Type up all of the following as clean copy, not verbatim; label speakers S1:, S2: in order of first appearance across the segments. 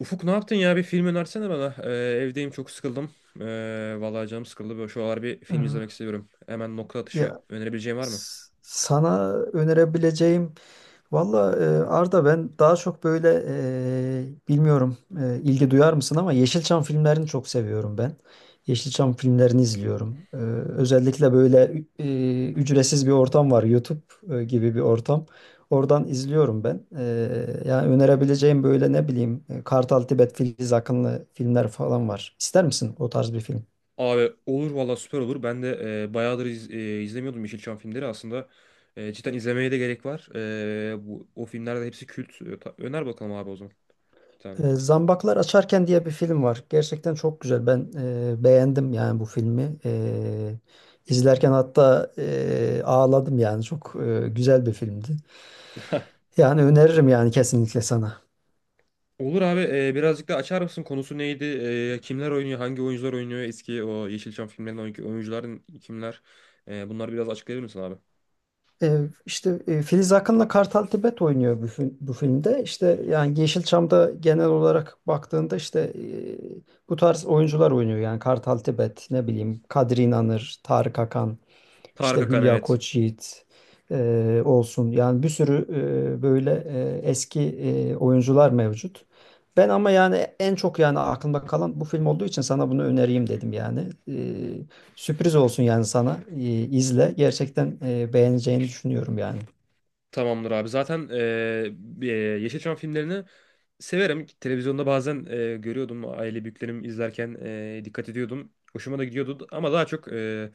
S1: Ufuk, ne yaptın ya? Bir film önersene bana. Evdeyim, çok sıkıldım. Vallahi canım sıkıldı. Böyle şu aralar bir film izlemek
S2: Ee,
S1: istiyorum. Hemen nokta atışı
S2: Ya,
S1: önerebileceğin var mı?
S2: Sana önerebileceğim, valla, Arda, ben daha çok böyle, bilmiyorum, ilgi duyar mısın ama Yeşilçam filmlerini çok seviyorum ben. Yeşilçam filmlerini izliyorum. Özellikle böyle, ücretsiz bir ortam var, YouTube gibi bir ortam. Oradan izliyorum ben. Yani önerebileceğim böyle, ne bileyim, Kartal Tibet, Filiz Akınlı filmler falan var. İster misin o tarz bir film?
S1: Abi olur valla, süper olur. Ben de bayağıdır izlemiyordum Yeşilçam filmleri. Aslında cidden izlemeye de gerek var. Bu, o filmlerde hepsi kült. Öner bakalım abi o zaman. Bir tane.
S2: Zambaklar Açarken diye bir film var. Gerçekten çok güzel. Ben beğendim yani bu filmi. İzlerken hatta, ağladım yani. Çok güzel bir filmdi. Yani öneririm yani, kesinlikle sana.
S1: Olur abi, birazcık da açar mısın? Konusu neydi? Kimler oynuyor? Hangi oyuncular oynuyor? Eski o Yeşilçam filmlerinin oyuncuların kimler? Bunları biraz açıklayabilir misin abi?
S2: E, işte Filiz Akın'la Kartal Tibet oynuyor bu filmde. İşte yani Yeşilçam'da genel olarak baktığında işte, bu tarz oyuncular oynuyor. Yani Kartal Tibet, ne bileyim, Kadri İnanır, Tarık Akan.
S1: Tarık
S2: İşte
S1: Akan,
S2: Hülya
S1: evet.
S2: Koçyiğit olsun. Yani bir sürü, böyle, eski, oyuncular mevcut. Ben ama yani en çok yani aklımda kalan bu film olduğu için sana bunu önereyim dedim yani. E, Sürpriz olsun yani sana. İzle. Gerçekten beğeneceğini düşünüyorum yani.
S1: Tamamdır abi. Zaten Yeşilçam filmlerini severim. Televizyonda bazen görüyordum. Aile büyüklerim izlerken dikkat ediyordum. Hoşuma da gidiyordu. Ama daha çok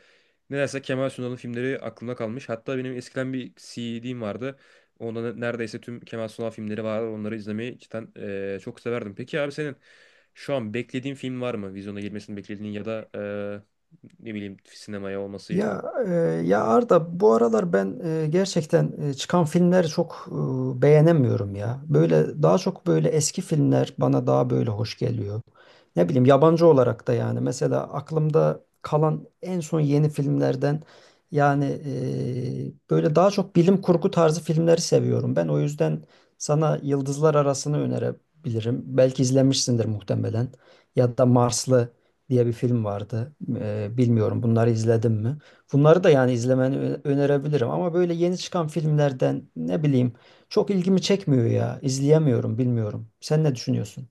S1: nedense Kemal Sunal'ın filmleri aklımda kalmış. Hatta benim eskiden bir CD'm vardı. Onda neredeyse tüm Kemal Sunal filmleri var. Onları izlemeyi cidden çok severdim. Peki abi, senin şu an beklediğin film var mı? Vizyona girmesini beklediğin, ya da ne bileyim sinemaya olması.
S2: Ya, ya Arda, bu aralar ben gerçekten çıkan filmleri çok beğenemiyorum ya. Böyle daha çok böyle eski filmler bana daha böyle hoş geliyor. Ne bileyim, yabancı olarak da yani mesela aklımda kalan en son yeni filmlerden yani, böyle daha çok bilim kurgu tarzı filmleri seviyorum. Ben o yüzden sana Yıldızlar Arası'nı önerebilirim. Belki izlemişsindir muhtemelen. Ya da Marslı diye bir film vardı. Bilmiyorum, bunları izledin mi? Bunları da yani izlemeni önerebilirim ama böyle yeni çıkan filmlerden ne bileyim çok ilgimi çekmiyor ya. İzleyemiyorum, bilmiyorum. Sen ne düşünüyorsun?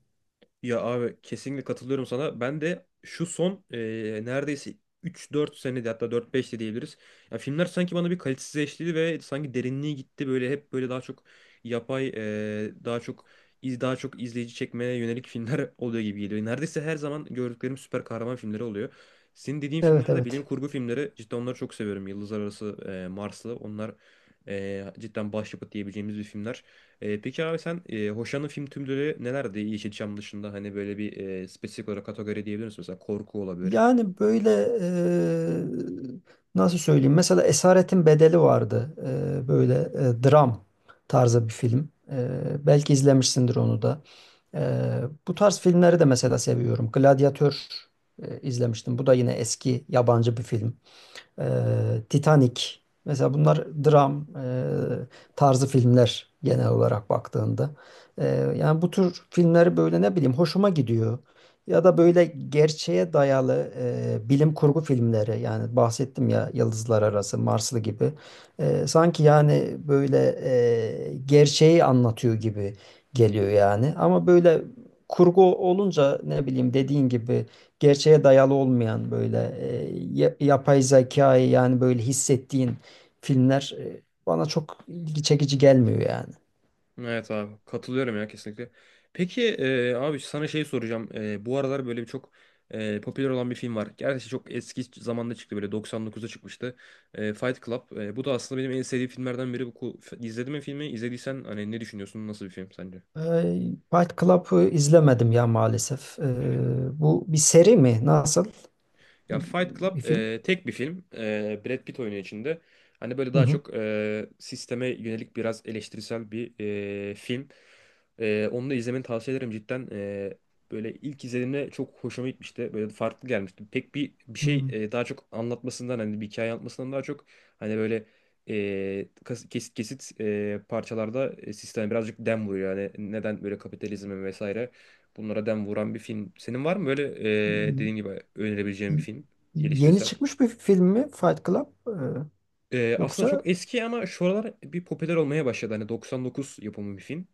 S1: Ya abi, kesinlikle katılıyorum sana. Ben de şu son neredeyse 3-4 senede, hatta 4-5 de diyebiliriz. Ya filmler sanki bana bir kalitesizleşti ve sanki derinliği gitti. Böyle hep böyle daha çok yapay, daha çok daha çok izleyici çekmeye yönelik filmler oluyor gibi geliyor. Neredeyse her zaman gördüklerim süper kahraman filmleri oluyor. Senin dediğin
S2: Evet,
S1: filmler de bilim
S2: evet.
S1: kurgu filmleri. Cidden onları çok seviyorum. Yıldızlar Arası, Marslı. Onlar cidden başyapıt diyebileceğimiz bir filmler. Peki abi, sen hoşlandığın film türleri nelerdi Yeşilçam dışında? Hani böyle bir spesifik olarak kategori diyebilir misin? Mesela korku olabilir.
S2: Yani böyle, eee, nasıl söyleyeyim? Mesela Esaretin Bedeli vardı. Böyle, dram tarzı bir film. Belki izlemişsindir onu da. Bu tarz filmleri de mesela seviyorum. Gladyatör izlemiştim. Bu da yine eski yabancı bir film. e, Titanic. Mesela bunlar dram, tarzı filmler genel olarak baktığında. E, Yani bu tür filmleri böyle ne bileyim hoşuma gidiyor. Ya da böyle gerçeğe dayalı, bilim kurgu filmleri yani, bahsettim ya, Yıldızlar Arası, Marslı gibi. Sanki yani böyle, gerçeği anlatıyor gibi geliyor yani. Ama böyle kurgu olunca, ne bileyim, dediğin gibi, gerçeğe dayalı olmayan böyle, yapay zekayı yani böyle hissettiğin filmler, bana çok ilgi çekici gelmiyor yani.
S1: Evet abi, katılıyorum ya, kesinlikle. Peki abi, sana şey soracağım. Bu aralar böyle bir çok popüler olan bir film var. Gerçi çok eski zamanda çıktı, böyle 99'da çıkmıştı. Fight Club. Bu da aslında benim en sevdiğim filmlerden biri. İzledin mi filmi? İzlediysen hani ne düşünüyorsun? Nasıl bir film sence?
S2: Ee, Fight Club'ı izlemedim ya maalesef. Bu bir seri mi? Nasıl?
S1: Ya Fight
S2: Bir
S1: Club
S2: film?
S1: tek bir film. Brad Pitt oynuyor içinde. Hani böyle
S2: Hı
S1: daha
S2: hı.
S1: çok sisteme yönelik biraz eleştirisel bir film. Onu da izlemeni tavsiye ederim cidden. Böyle ilk izlediğimde çok hoşuma gitmişti. Böyle farklı gelmişti. Pek bir şey, daha çok anlatmasından, hani bir hikaye anlatmasından daha çok, hani böyle kesit kesit parçalarda sisteme birazcık dem vuruyor. Yani neden böyle kapitalizme vesaire. Bunlara dem vuran bir film. Senin var mı böyle
S2: Hı.
S1: dediğin gibi önerebileceğin bir film?
S2: Yeni
S1: Eleştirisel.
S2: çıkmış bir film mi Fight Club?
S1: Aslında
S2: Yoksa.
S1: çok eski ama şu aralar bir popüler olmaya başladı. Hani 99 yapımı bir film.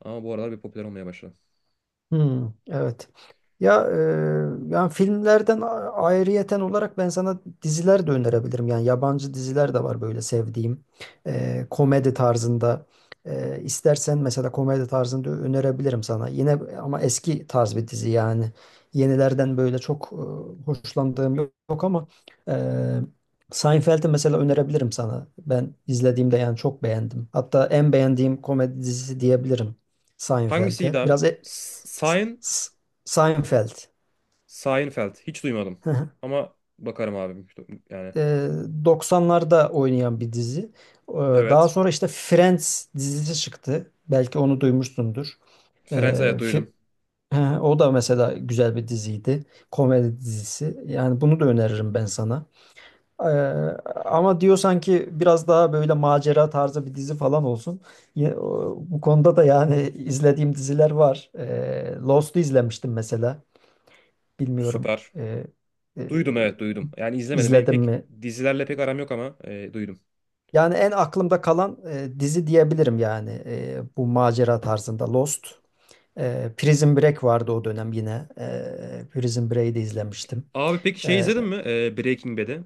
S1: Ama bu aralar bir popüler olmaya başladı.
S2: Hmm, evet. Ya, yani filmlerden ayrıyeten olarak ben sana diziler de önerebilirim. Yani yabancı diziler de var böyle sevdiğim. Komedi tarzında. İstersen mesela komedi tarzında önerebilirim sana. Yine ama eski tarz bir dizi yani. Yenilerden böyle çok hoşlandığım yok, yok ama, e, Seinfeld'i mesela önerebilirim sana. Ben izlediğimde yani çok beğendim. Hatta en beğendiğim komedi dizisi diyebilirim
S1: Hangisiydi
S2: Seinfeld'e.
S1: abi?
S2: Biraz, S-
S1: Sein,
S2: S- Seinfeld.
S1: Seinfeld. Hiç duymadım. Ama bakarım abi. Yani
S2: Ee, 90'larda oynayan bir dizi. Ee, Daha
S1: evet.
S2: sonra işte Friends dizisi çıktı. Belki onu duymuşsundur.
S1: Friends, evet,
S2: Ee, Fi-
S1: duydum.
S2: O da mesela güzel bir diziydi. Komedi dizisi. Yani bunu da öneririm ben sana. Ee, Ama diyorsan ki biraz daha böyle macera tarzı bir dizi falan olsun. Bu konuda da yani izlediğim diziler var. Lost'u izlemiştim mesela. Bilmiyorum.
S1: Süper.
S2: E,
S1: Duydum, evet, duydum. Yani izlemedim. Benim
S2: İzledim
S1: pek
S2: mi?
S1: dizilerle pek aram yok ama duydum.
S2: Yani en aklımda kalan, dizi diyebilirim yani, bu macera tarzında Lost. Prison Break vardı o dönem yine. Prison Break'i de izlemiştim.
S1: Abi, peki şey
S2: E,
S1: izledin mi? Breaking Bad'i.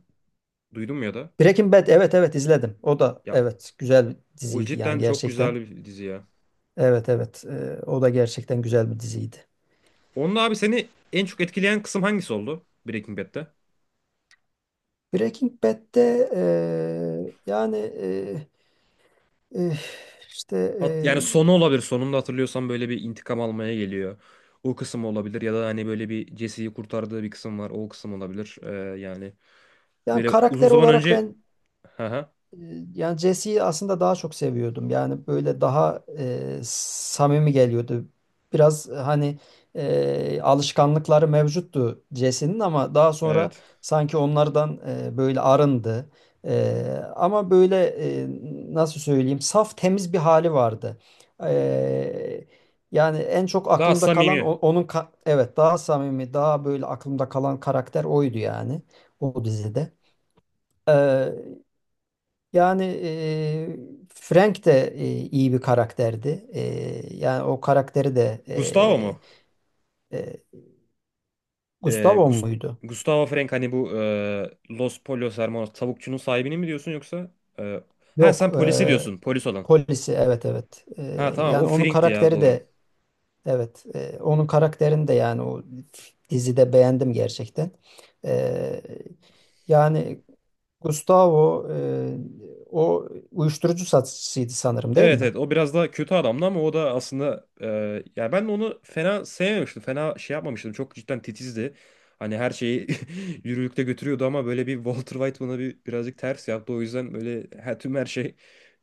S1: Duydun mu ya da?
S2: Breaking Bad, evet evet izledim. O da
S1: Ya
S2: evet, güzel bir
S1: o
S2: diziydi yani
S1: cidden çok güzel
S2: gerçekten.
S1: bir dizi ya.
S2: Evet, evet, o da gerçekten güzel bir diziydi.
S1: Onunla abi, seni en çok etkileyen kısım hangisi oldu Breaking Bad'de?
S2: Breaking Bad'de, yani, e, işte,
S1: Yani sonu olabilir. Sonunda hatırlıyorsan böyle bir intikam almaya geliyor. O kısım olabilir, ya da hani böyle bir Jesse'yi kurtardığı bir kısım var. O kısım olabilir. Yani
S2: yani
S1: böyle uzun
S2: karakter
S1: zaman
S2: olarak
S1: önce...
S2: ben.
S1: Hı hı.
S2: E, Yani Jesse'yi aslında daha çok seviyordum. Yani böyle daha samimi geliyordu. Biraz, hani, alışkanlıkları mevcuttu Jesse'nin ama daha sonra
S1: Evet.
S2: sanki onlardan, böyle arındı. E, Ama böyle, e, nasıl söyleyeyim, saf temiz bir hali vardı. E, Yani en çok
S1: Daha
S2: aklımda kalan,
S1: samimi.
S2: onun evet, daha samimi, daha böyle aklımda kalan karakter oydu yani o dizide. E, Yani, Frank de, iyi bir karakterdi. Yani o karakteri de,
S1: Gustavo mu?
S2: eee,
S1: Ee,
S2: Gustavo
S1: Gus-
S2: muydu?
S1: Gustavo Fring, hani bu Los Pollos Hermanos tavukçunun sahibini mi diyorsun yoksa? e, ha,
S2: Yok,
S1: sen polisi diyorsun, polis olan.
S2: polisi, evet evet.
S1: Ha tamam, o
S2: Yani onun
S1: Fring'ti ya,
S2: karakteri
S1: doğru.
S2: de evet. Onun karakterini de yani o dizide beğendim gerçekten. Eee, Yani Gustavo, o uyuşturucu satıcısıydı sanırım değil
S1: Evet
S2: mi?
S1: evet, o biraz daha kötü adamdı ama o da aslında yani ben de onu fena sevmemiştim. Fena şey yapmamıştım. Çok cidden titizdi. Hani her şeyi yürürlükte götürüyordu ama böyle bir Walter White bana bir birazcık ters yaptı. O yüzden böyle her, tüm her şey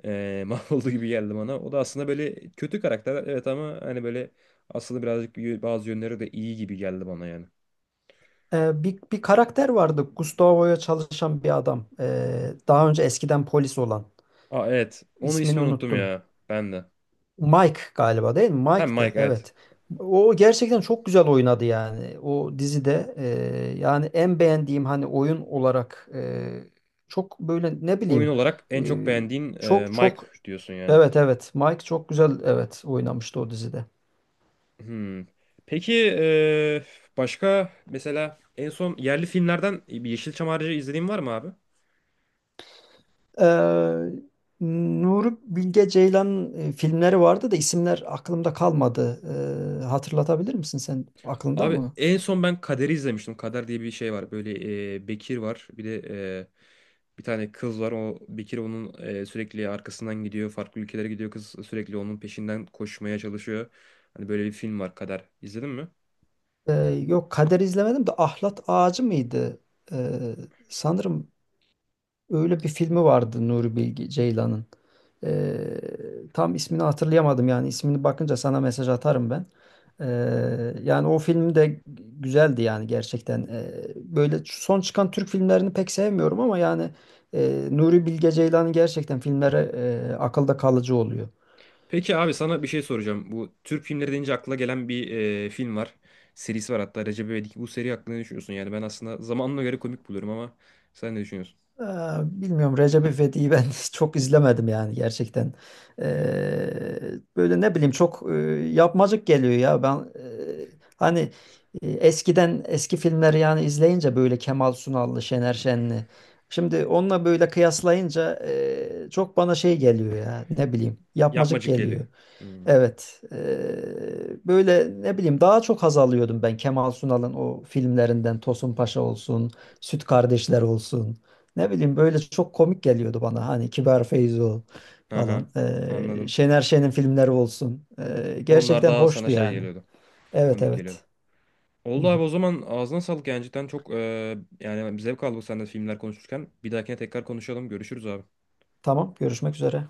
S1: mahvoldu gibi geldi bana. O da aslında böyle kötü karakter, evet, ama hani böyle aslında birazcık bazı yönleri de iyi gibi geldi bana yani.
S2: Bir karakter vardı. Gustavo'ya çalışan bir adam. Daha önce eskiden polis olan.
S1: Aa evet, onun
S2: İsmini
S1: ismini unuttum
S2: unuttum.
S1: ya ben de.
S2: Mike galiba değil mi?
S1: Hem
S2: Mike'tı.
S1: Mike, evet.
S2: Evet. O gerçekten çok güzel oynadı yani. O dizide, yani en beğendiğim hani oyun olarak, çok böyle ne
S1: Oyun
S2: bileyim,
S1: olarak en çok
S2: ee,
S1: beğendiğin
S2: çok
S1: Mike
S2: çok,
S1: diyorsun yani.
S2: evet evet Mike çok güzel evet oynamıştı o dizide.
S1: Hmm. Peki başka mesela en son yerli filmlerden bir Yeşilçam harici izlediğin var mı abi?
S2: Ee, Nuri Bilge Ceylan filmleri vardı da isimler aklımda kalmadı. Hatırlatabilir misin sen? Aklında
S1: Abi,
S2: mı?
S1: en son ben Kader'i izlemiştim. Kader diye bir şey var. Böyle Bekir var. Bir de bir tane kız var. O Bekir onun sürekli arkasından gidiyor. Farklı ülkelere gidiyor kız. Sürekli onun peşinden koşmaya çalışıyor. Hani böyle bir film var, Kader. İzledin mi?
S2: Ee, Yok, Kader izlemedim de Ahlat Ağacı mıydı? Ee, Sanırım öyle bir filmi vardı Nuri Bilge Ceylan'ın. Tam ismini hatırlayamadım yani, ismini bakınca sana mesaj atarım ben. Ee, Yani o film de güzeldi yani gerçekten. Böyle son çıkan Türk filmlerini pek sevmiyorum ama yani, Nuri Bilge Ceylan'ın gerçekten filmleri, akılda kalıcı oluyor.
S1: Peki abi, sana bir şey soracağım. Bu Türk filmleri deyince akla gelen bir film var. Serisi var hatta, Recep İvedik. Bu seri hakkında ne düşünüyorsun? Yani ben aslında zamanına göre komik buluyorum, ama sen ne düşünüyorsun?
S2: Ee, Bilmiyorum, Recep İvedik'i ben çok izlemedim yani gerçekten. Ee, Böyle ne bileyim çok yapmacık geliyor ya. Ben, hani, eskiden eski filmleri yani izleyince böyle Kemal Sunal'lı, Şener Şen'li. Şimdi onunla böyle kıyaslayınca, çok bana şey geliyor ya, ne bileyim, yapmacık
S1: Yapmacık Geli.
S2: geliyor.
S1: Hmm.
S2: Evet. Böyle ne bileyim daha çok haz alıyordum ben Kemal Sunal'ın o filmlerinden, Tosun Paşa olsun, Süt Kardeşler olsun. Ne bileyim böyle çok komik geliyordu bana, hani Kibar Feyzo falan.
S1: Aha, anladım.
S2: Şener Şen'in filmleri olsun.
S1: Onlar
S2: Gerçekten
S1: daha sana
S2: hoştu
S1: şey
S2: yani.
S1: geliyordu.
S2: Evet,
S1: Komik geliyordu.
S2: evet. Hı
S1: Oldu
S2: hı.
S1: abi, o zaman ağzına sağlık, yani cidden çok, yani zevk aldık seninle filmler konuşurken. Bir dahakine tekrar konuşalım. Görüşürüz abi.
S2: Tamam, görüşmek üzere.